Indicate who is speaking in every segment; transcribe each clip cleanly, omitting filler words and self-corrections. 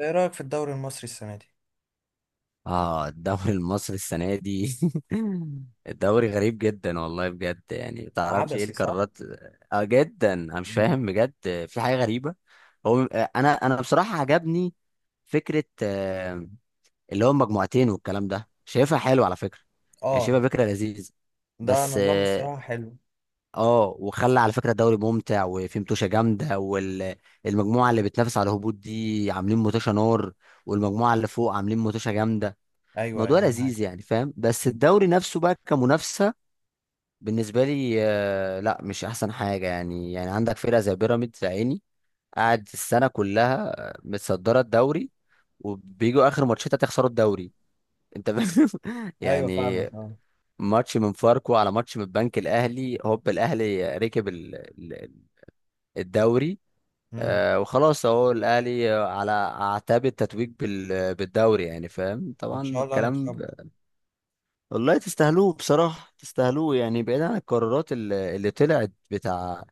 Speaker 1: ايه رأيك في الدوري المصري السنة دي؟
Speaker 2: اه، الدوري المصري السنة دي. الدوري غريب جدا والله، بجد يعني متعرفش ايه
Speaker 1: عبثي صح؟
Speaker 2: القرارات. اه، جدا انا مش
Speaker 1: مم.
Speaker 2: فاهم بجد. في حاجة غريبة. هو انا بصراحة عجبني فكرة اللي هو مجموعتين والكلام ده، شايفها حلو على فكرة. يعني
Speaker 1: اه،
Speaker 2: شايفها فكرة لذيذة.
Speaker 1: ده
Speaker 2: بس
Speaker 1: نظام
Speaker 2: اه،
Speaker 1: الصراحة حلو.
Speaker 2: وخلى على فكرة الدوري ممتع، وفي متوشة جامدة، والمجموعة اللي بتنافس على الهبوط دي عاملين متوشة نار. والمجموعة اللي فوق عاملين متوشة جامدة.
Speaker 1: ايوه
Speaker 2: موضوع
Speaker 1: يعني
Speaker 2: لذيذ
Speaker 1: معاك.
Speaker 2: يعني فاهم. بس الدوري نفسه بقى كمنافسه، بالنسبه لي لا مش احسن حاجه، يعني عندك فرقه زي بيراميدز يا عيني. قاعد السنه كلها متصدره الدوري، وبيجوا اخر ماتشات هتخسروا الدوري. انت فاهم؟
Speaker 1: ايوه
Speaker 2: يعني
Speaker 1: فاهمك اه.
Speaker 2: ماتش من فاركو، على ماتش من البنك الاهلي، هوب الاهلي ركب الدوري.
Speaker 1: مم.
Speaker 2: وخلاص اهو الاهلي على اعتاب التتويج بالدوري يعني فاهم
Speaker 1: ان
Speaker 2: طبعا
Speaker 1: شاء الله
Speaker 2: الكلام.
Speaker 1: هنكسبه.
Speaker 2: والله تستاهلوه بصراحة، تستاهلوه يعني، بعيدا عن القرارات اللي طلعت بتاع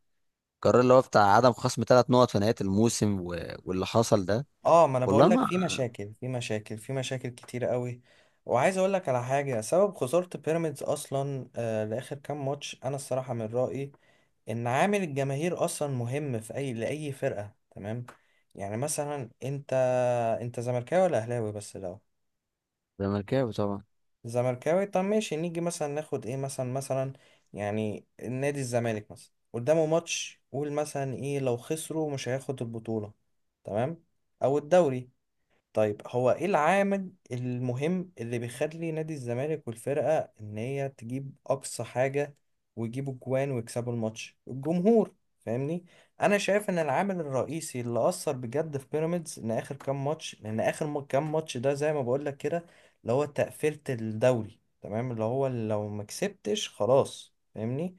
Speaker 2: القرار اللي هو بتاع عدم خصم ثلاث نقط في نهاية الموسم واللي حصل ده.
Speaker 1: اه، ما انا
Speaker 2: والله
Speaker 1: بقول لك
Speaker 2: ما.
Speaker 1: في مشاكل في مشاكل في مشاكل كتير قوي، وعايز اقول لك على حاجة. سبب خسارة بيراميدز اصلا لاخر كام ماتش، انا الصراحة من رأيي ان عامل الجماهير اصلا مهم في اي لاي فرقة، تمام؟ يعني مثلا انت، انت زملكاوي ولا اهلاوي بس الاول؟
Speaker 2: زملكاوي طبعا.
Speaker 1: زملكاوي، طب ماشي نيجي مثلا ناخد ايه مثلا مثلا، يعني نادي الزمالك مثلا قدامه ماتش، قول مثلا ايه لو خسروا مش هياخد البطولة، تمام، او الدوري. طيب هو ايه العامل المهم اللي بيخلي نادي الزمالك والفرقة ان هي تجيب اقصى حاجة ويجيبوا جوان ويكسبوا الماتش؟ الجمهور، فاهمني؟ انا شايف ان العامل الرئيسي اللي اثر بجد في بيراميدز ان اخر كام ماتش، لان اخر كام ماتش ده زي ما بقول لك كده، اللي هو تقفيلة الدوري، تمام، اللي هو لو ما كسبتش خلاص، فاهمني؟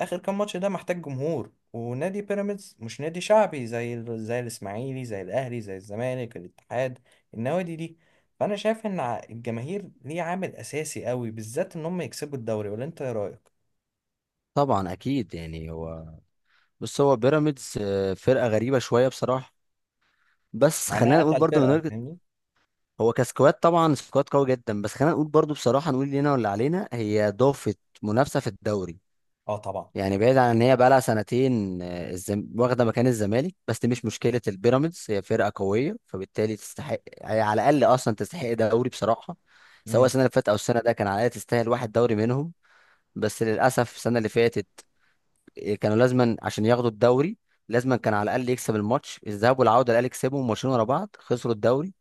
Speaker 1: اخر كام ماتش ده محتاج جمهور، ونادي بيراميدز مش نادي شعبي زي زي الاسماعيلي، زي الاهلي، زي الزمالك، الاتحاد، النوادي دي. فانا شايف ان الجماهير ليه عامل اساسي قوي، بالذات ان هم يكسبوا الدوري، ولا انت ايه رايك؟
Speaker 2: طبعا أكيد يعني هو، بص هو بيراميدز فرقة غريبة شوية بصراحة. بس خلينا
Speaker 1: معناها
Speaker 2: نقول
Speaker 1: اتقل
Speaker 2: برضه من
Speaker 1: فرقه،
Speaker 2: وجهة.
Speaker 1: فاهمني؟
Speaker 2: هو كسكواد طبعا سكواد قوي جدا، بس خلينا نقول برضه بصراحة، نقول لنا ولا علينا، هي ضافت منافسة في الدوري.
Speaker 1: اه طبعا.
Speaker 2: يعني بعيد عن ان هي بقى لها سنتين واخده مكان الزمالك، بس دي مش مشكله، البيراميدز هي فرقه قويه، فبالتالي تستحق هي على الاقل، اصلا تستحق دوري بصراحه. سواء
Speaker 1: امم.
Speaker 2: السنه اللي فاتت او السنه ده، كان على الاقل تستاهل واحد دوري منهم. بس للاسف السنه اللي فاتت كانوا لازما عشان ياخدوا الدوري. لازما كان على الاقل يكسب الماتش الذهاب والعوده، الاهلي كسبهم ماتشين ورا بعض، خسروا الدوري.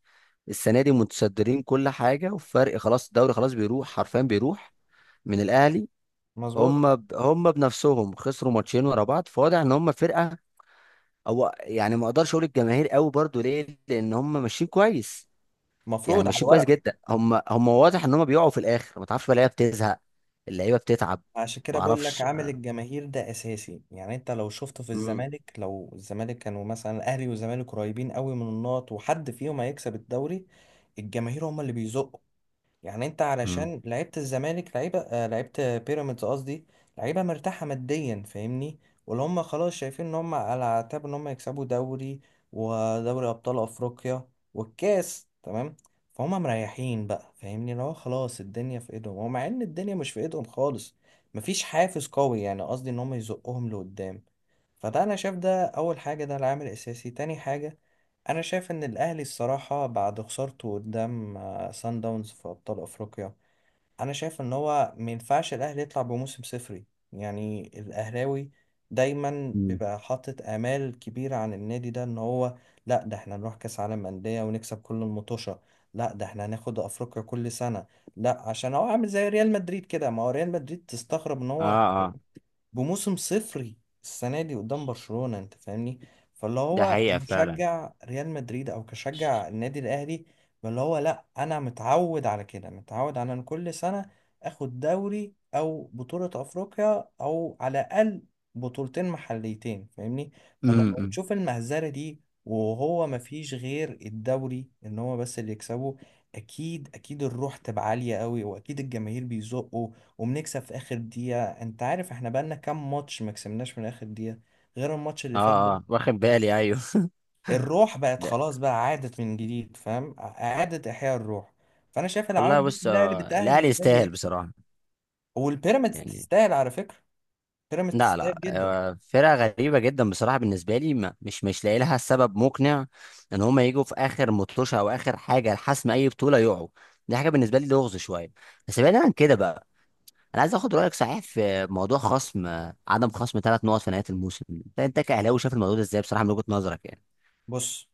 Speaker 2: السنه دي متصدرين كل حاجه، وفرق خلاص، الدوري خلاص بيروح حرفيا، بيروح من الاهلي.
Speaker 1: مظبوط.
Speaker 2: هم بنفسهم خسروا ماتشين ورا بعض، فواضح ان هم فرقه، او يعني ما اقدرش اقول الجماهير قوي برضو ليه، لان هم ماشيين كويس. يعني
Speaker 1: مفروض على
Speaker 2: ماشيين كويس
Speaker 1: الورق.
Speaker 2: جدا، هم واضح ان هم بيقعوا في الاخر، ما تعرفش بقى اللعيبه بتزهق، اللعيبه بتتعب.
Speaker 1: عشان كده
Speaker 2: ما
Speaker 1: بقول لك
Speaker 2: اعرفش.
Speaker 1: عامل الجماهير ده اساسي، يعني انت لو شفته في
Speaker 2: امم.
Speaker 1: الزمالك، لو الزمالك كانوا مثلا، الاهلي والزمالك قريبين قوي من النقط وحد فيهم هيكسب الدوري، الجماهير هم اللي بيزقوا. يعني انت
Speaker 2: مم.
Speaker 1: علشان لعيبه الزمالك، لعيبه لعيبه بيراميدز قصدي، لعيبه مرتاحه ماديا، فاهمني؟ واللي هم خلاص شايفين ان هم على اعتاب ان هم يكسبوا دوري، ودوري ابطال افريقيا، والكاس، تمام؟ فهم مريحين بقى، فاهمني؟ اللي هو خلاص الدنيا في ايدهم، ومع ان الدنيا مش في ايدهم خالص، مفيش حافز قوي يعني، قصدي ان هم يزقهم لقدام. فده انا شايف ده اول حاجه، ده العامل الاساسي. تاني حاجه، انا شايف ان الاهلي الصراحه بعد خسارته قدام سان داونز في ابطال افريقيا، انا شايف ان هو ما ينفعش الاهلي يطلع بموسم صفري. يعني الاهلاوي دايما
Speaker 2: مم.
Speaker 1: بيبقى حاطط امال كبيره عن النادي ده، ان هو لا، ده احنا نروح كاس عالم انديه ونكسب كل المطوشه، لا ده احنا هناخد افريقيا كل سنه، لا عشان هو عامل زي ريال مدريد كده. ما هو ريال مدريد تستغرب ان
Speaker 2: اه
Speaker 1: هو
Speaker 2: اه،
Speaker 1: بموسم صفري السنة دي قدام برشلونة، انت فاهمني؟ فاللي
Speaker 2: ده
Speaker 1: هو
Speaker 2: حقيقة فعلا.
Speaker 1: كمشجع ريال مدريد او كشجع النادي الاهلي، فاللي هو لا انا متعود على كده، متعود على ان كل سنة اخد دوري او بطولة افريقيا، او على الاقل بطولتين محليتين، فاهمني؟ فلما
Speaker 2: امم.
Speaker 1: بتشوف المهزلة دي، وهو مفيش غير الدوري ان هو بس اللي يكسبه، اكيد اكيد الروح تبقى عالية قوي، واكيد الجماهير بيزقوا. وبنكسب في اخر دقيقة. انت عارف احنا بقالنا كام ماتش ما كسبناش من اخر دقيقة غير الماتش اللي فات
Speaker 2: اه
Speaker 1: ده؟
Speaker 2: اه، واخد بالي، ايوه.
Speaker 1: الروح بقت
Speaker 2: ده.
Speaker 1: خلاص بقى، عادت من جديد، فاهم؟ اعادة احياء الروح. فانا شايف
Speaker 2: والله
Speaker 1: العوامل دي
Speaker 2: بص
Speaker 1: كلها اللي بتأهل
Speaker 2: الاهلي
Speaker 1: النادي
Speaker 2: يستاهل
Speaker 1: يكسب.
Speaker 2: بصراحة
Speaker 1: والبيراميدز
Speaker 2: يعني.
Speaker 1: تستاهل على فكرة، بيراميدز
Speaker 2: لا لا،
Speaker 1: تستاهل جدا.
Speaker 2: فرقة غريبة جدا بصراحة بالنسبة لي، مش لاقي لها سبب مقنع ان هما يجوا في اخر مطوشة او اخر حاجة لحسم اي بطولة يقعوا. دي حاجة بالنسبة لي لغز شوية. بس بعيدا عن كده بقى، انا عايز اخد رأيك صحيح في موضوع خصم عدم خصم ثلاث نقط في نهاية الموسم، انت كأهلاوي شايف الموضوع ده ازاي بصراحة من وجهة نظرك يعني؟
Speaker 1: بص،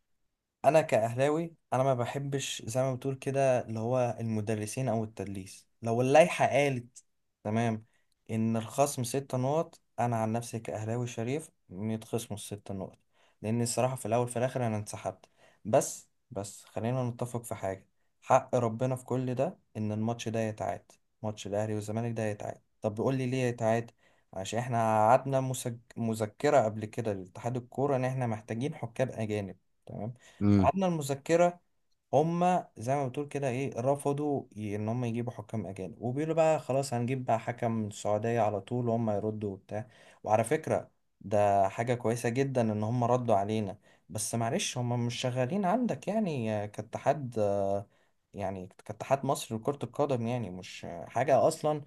Speaker 1: انا كاهلاوي انا ما بحبش زي ما بتقول كده، اللي هو المدرسين او التدليس. لو اللائحه قالت، تمام، ان الخصم ست نقط، انا عن نفسي كاهلاوي شريف إن يتخصموا الست نقط. لان الصراحه في الاول في الاخر انا انسحبت. بس بس خلينا نتفق في حاجه، حق ربنا في كل ده ان الماتش ده يتعاد. ماتش الاهلي والزمالك ده يتعاد. طب بيقول لي ليه يتعاد؟ عشان احنا قعدنا مذكره قبل كده لاتحاد الكوره ان احنا محتاجين حكام اجانب، تمام؟
Speaker 2: امم.
Speaker 1: ميعادنا المذكرة، هما زي ما بتقول كده ايه، رفضوا ان هما يجيبوا حكام اجانب، وبيقولوا بقى خلاص هنجيب بقى حكم من السعودية على طول، وهم يردوا وبتاع. وعلى فكرة، ده حاجة كويسة جدا ان هما ردوا علينا. بس معلش هما مش شغالين عندك يعني، كاتحاد، يعني كاتحاد مصر لكرة القدم، يعني مش، حاجة اصلا،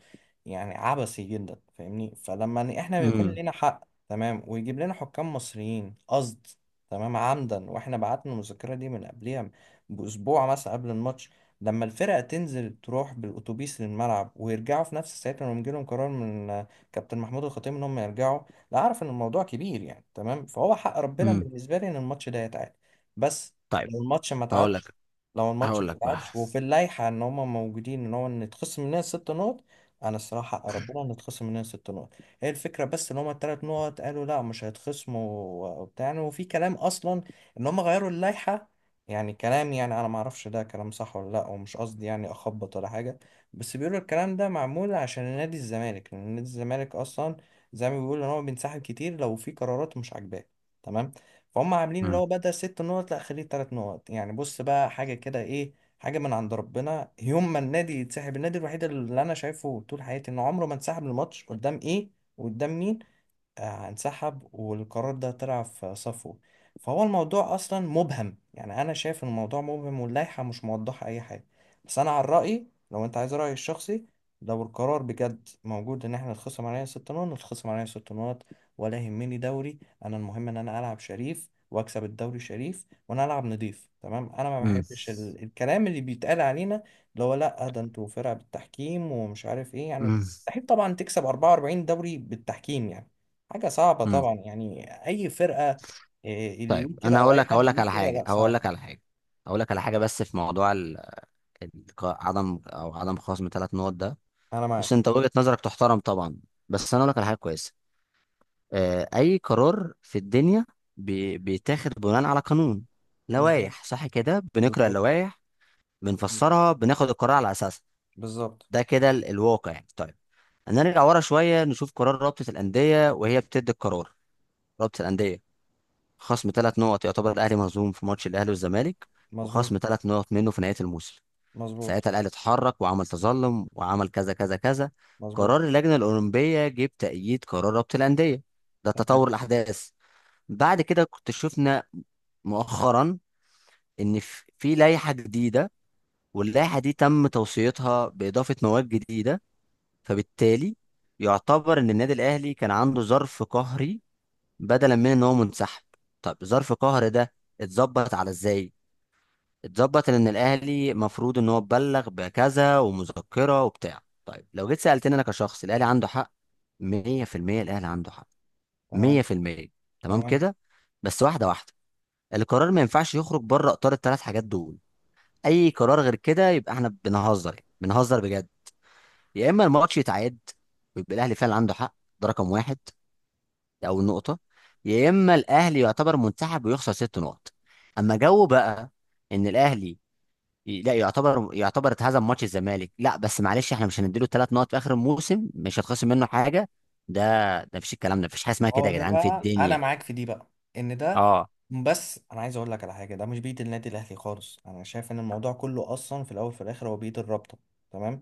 Speaker 1: يعني عبثي جدا، فاهمني؟ فلما احنا بيكون
Speaker 2: امم.
Speaker 1: لنا حق، تمام، ويجيب لنا حكام مصريين، قصد، تمام، عمدا، واحنا بعتنا المذكرة دي من قبلها بأسبوع مثلا قبل الماتش، لما الفرقة تنزل تروح بالأتوبيس للملعب ويرجعوا في نفس الساعة لما يجيلهم قرار من كابتن محمود الخطيب إن هم يرجعوا، لا أعرف إن الموضوع كبير يعني، تمام؟ فهو حق ربنا
Speaker 2: امم.
Speaker 1: بالنسبة لي إن الماتش ده يتعاد. بس
Speaker 2: طيب
Speaker 1: لو الماتش ما
Speaker 2: هقول
Speaker 1: اتعادش،
Speaker 2: لك
Speaker 1: لو الماتش ما
Speaker 2: هقول لك بقى.
Speaker 1: اتعادش وفي اللائحة إن هم موجودين إن هو إن يتخصم مننا ست نقط، أنا الصراحة حق ربنا إن يتخصم مننا ست نقط. هي الفكرة بس ان هما التلات نقط قالوا لا مش هيتخصموا وبتاع. وفي كلام اصلا ان هما غيروا اللائحة، يعني كلام، يعني انا ما اعرفش ده كلام صح ولا لا، ومش قصدي يعني اخبط ولا حاجه، بس بيقولوا الكلام ده معمول عشان نادي الزمالك، لان نادي الزمالك اصلا زي ما بيقولوا ان هو بينسحب كتير لو في قرارات مش عاجباه، تمام؟ فهم عاملين اللي
Speaker 2: امم.
Speaker 1: هو بدل ست نقط لا خليه تلات نقط. يعني بص بقى، حاجه كده ايه، حاجه من عند ربنا يوم ما النادي يتسحب، النادي الوحيد اللي انا شايفه طول حياتي انه عمره ما انسحب، الماتش قدام ايه وقدام مين؟ انسحب والقرار ده طلع في صفه. فهو الموضوع اصلا مبهم، يعني انا شايف ان الموضوع مبهم واللائحه مش موضحه اي حاجه. بس انا عن رايي، لو انت عايز رايي الشخصي، لو القرار بجد موجود ان احنا نتخصم علينا ست نقط، نتخصم علينا ست نقط ولا يهمني دوري. انا المهم ان انا العب شريف واكسب الدوري شريف، وانا العب نضيف، تمام؟ انا ما
Speaker 2: امم.
Speaker 1: بحبش الكلام اللي بيتقال علينا، اللي هو لا ده انتوا فرقه بالتحكيم ومش عارف ايه. يعني مستحيل طبعا تكسب 44 دوري بالتحكيم، يعني حاجة صعبة
Speaker 2: امم.
Speaker 1: طبعا، يعني أي فرقة إيه، اللي
Speaker 2: طيب
Speaker 1: يقول كده
Speaker 2: انا
Speaker 1: أو
Speaker 2: هقول
Speaker 1: أي
Speaker 2: لك
Speaker 1: حد
Speaker 2: هقول لك
Speaker 1: يقول كده، لا صعب.
Speaker 2: على حاجه، بس في موضوع عدم خصم ثلاث نقط ده.
Speaker 1: أنا
Speaker 2: بص،
Speaker 1: معاك.
Speaker 2: انت وجهه نظرك تحترم طبعا. بس انا اقول لك على حاجه كويسه، اي قرار في الدنيا بيتاخد بناء على قانون،
Speaker 1: بالظبط
Speaker 2: لوائح صح كده، بنقرا
Speaker 1: بالظبط.
Speaker 2: اللوائح،
Speaker 1: بالظبط
Speaker 2: بنفسرها، بناخد القرار على اساسها.
Speaker 1: بالظبط.
Speaker 2: ده كده الواقع يعني. طيب، هنرجع ورا شويه، نشوف قرار رابطه الانديه وهي بتدي القرار. رابطه الانديه، خصم ثلاث نقط، يعتبر الاهلي مهزوم في ماتش الاهلي والزمالك،
Speaker 1: مظبوط.
Speaker 2: وخصم ثلاث نقط منه في نهايه الموسم.
Speaker 1: مظبوط.
Speaker 2: ساعتها الاهلي اتحرك وعمل تظلم وعمل كذا كذا كذا.
Speaker 1: مظبوط.
Speaker 2: قرار اللجنه الاولمبيه جه بتأييد قرار رابطه الانديه. ده تطور
Speaker 1: تمام.
Speaker 2: الاحداث. بعد كده كنت شفنا مؤخرا ان في لائحه جديده، واللائحه دي تم توصيتها باضافه مواد جديده، فبالتالي يعتبر ان النادي الاهلي كان عنده ظرف قهري، بدلا من ان هو منسحب. طب ظرف قهر ده اتظبط على ازاي؟ اتظبط ان الاهلي مفروض ان هو اتبلغ بكذا ومذكره وبتاع. طيب لو جيت سالتني انا كشخص، الاهلي عنده حق، 100%. الاهلي عنده حق
Speaker 1: تمام.
Speaker 2: 100%. تمام
Speaker 1: تمام.
Speaker 2: كده. بس واحده واحده، القرار ما ينفعش يخرج بره اطار الثلاث حاجات دول. اي قرار غير كده يبقى احنا بنهزر، يعني بنهزر بجد. يا اما الماتش يتعاد ويبقى الاهلي فعلا عنده حق، ده رقم واحد، او النقطه، يا اما الاهلي يعتبر منسحب ويخسر ست نقط. اما جو بقى ان الاهلي لا يعتبر اتهزم ماتش الزمالك، لا بس معلش احنا مش هنديله ثلاث نقط في اخر الموسم، مش هتخصم منه حاجه، ده ده مفيش. الكلام ده مفيش حاجه اسمها كده
Speaker 1: هو
Speaker 2: يا
Speaker 1: ده
Speaker 2: جدعان في
Speaker 1: بقى أنا
Speaker 2: الدنيا.
Speaker 1: معاك في دي بقى، إن ده،
Speaker 2: اه.
Speaker 1: بس أنا عايز أقول لك على حاجة، ده مش بإيد النادي الأهلي خالص، أنا شايف إن الموضوع كله أصلا في الأول وفي الآخر هو بإيد الرابطة، تمام؟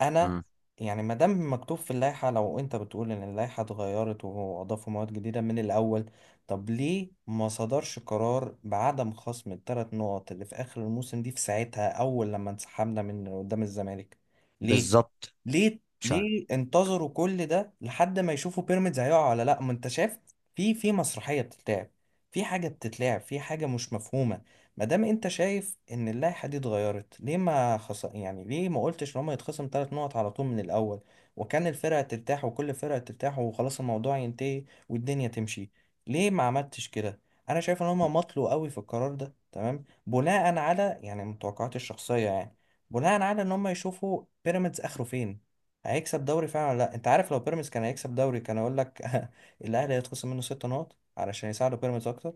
Speaker 1: انا
Speaker 2: امم.
Speaker 1: يعني ما دام مكتوب في اللائحه، لو انت بتقول ان اللائحه اتغيرت واضافوا مواد جديده من الاول، طب ليه ما صدرش قرار بعدم خصم الثلاث نقط اللي في اخر الموسم دي في ساعتها اول لما انسحبنا من قدام الزمالك؟ ليه؟
Speaker 2: بالظبط.
Speaker 1: ليه؟
Speaker 2: مش عارف.
Speaker 1: ليه انتظروا كل ده لحد ما يشوفوا بيراميدز هيقع ولا لا؟ ما انت شايف في في مسرحيه بتتلعب، في حاجه بتتلعب، في حاجه مش مفهومه. ما دام انت شايف ان اللائحه دي اتغيرت، ليه ما يعني ليه ما قلتش ان هم يتخصم ثلاث نقط على طول من الاول، وكان الفرقه ترتاح وكل فرقه ترتاح وخلاص الموضوع ينتهي والدنيا تمشي؟ ليه ما عملتش كده؟ انا شايف ان هم مطلوا قوي في القرار ده، تمام، بناء على يعني متوقعاتي الشخصيه يعني، بناء على ان هم يشوفوا بيراميدز اخره فين، هيكسب دوري فعلا ولا لا. انت عارف لو بيراميدز كان هيكسب دوري، كان اقول لك الاهلي هيتخصم منه ست نقط علشان يساعدوا بيراميدز اكتر.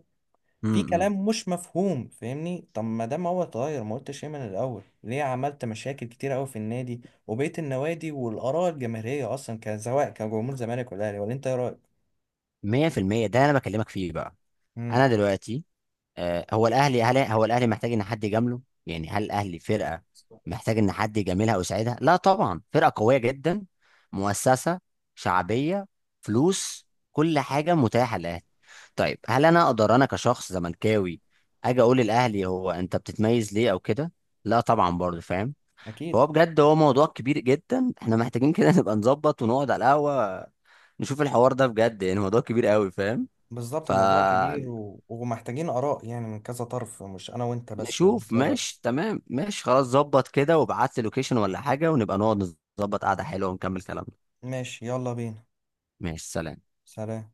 Speaker 1: في
Speaker 2: امم.
Speaker 1: كلام مش مفهوم، فاهمني؟ طب ما دام هو اتغير ما قلتش ايه من الاول، ليه عملت مشاكل كتير قوي في النادي وبقيه النوادي والاراء الجماهيريه اصلا، كان سواء كجمهور زمالك ولا اهلي، ولا انت ايه رايك؟
Speaker 2: 100%، ده انا بكلمك فيه بقى.
Speaker 1: مم.
Speaker 2: انا دلوقتي هو الاهلي، هل هو الاهلي محتاج ان حد يجامله؟ يعني هل الاهلي فرقه محتاج ان حد يجاملها او يساعدها؟ لا طبعا، فرقه قويه جدا، مؤسسه، شعبيه، فلوس، كل حاجه متاحه للاهلي. طيب هل انا اقدر، انا كشخص زملكاوي، اجي اقول للاهلي، هو انت بتتميز ليه او كده؟ لا طبعا، برضه فاهم.
Speaker 1: اكيد.
Speaker 2: فهو بجد، هو موضوع كبير جدا، احنا محتاجين كده نبقى نظبط ونقعد على القهوه، نشوف الحوار ده بجد يعني، موضوع كبير قوي فاهم.
Speaker 1: بالظبط،
Speaker 2: ف
Speaker 1: الموضوع كبير ومحتاجين اراء يعني من كذا طرف، مش انا وانت بس، ولا
Speaker 2: نشوف،
Speaker 1: انت ايه رايك؟
Speaker 2: ماشي تمام، ماشي خلاص، ظبط كده وابعت لي لوكيشن ولا حاجة، ونبقى نقعد، نظبط قعدة حلوة ونكمل كلامنا.
Speaker 1: ماشي يلا بينا.
Speaker 2: ماشي، سلام.
Speaker 1: سلام.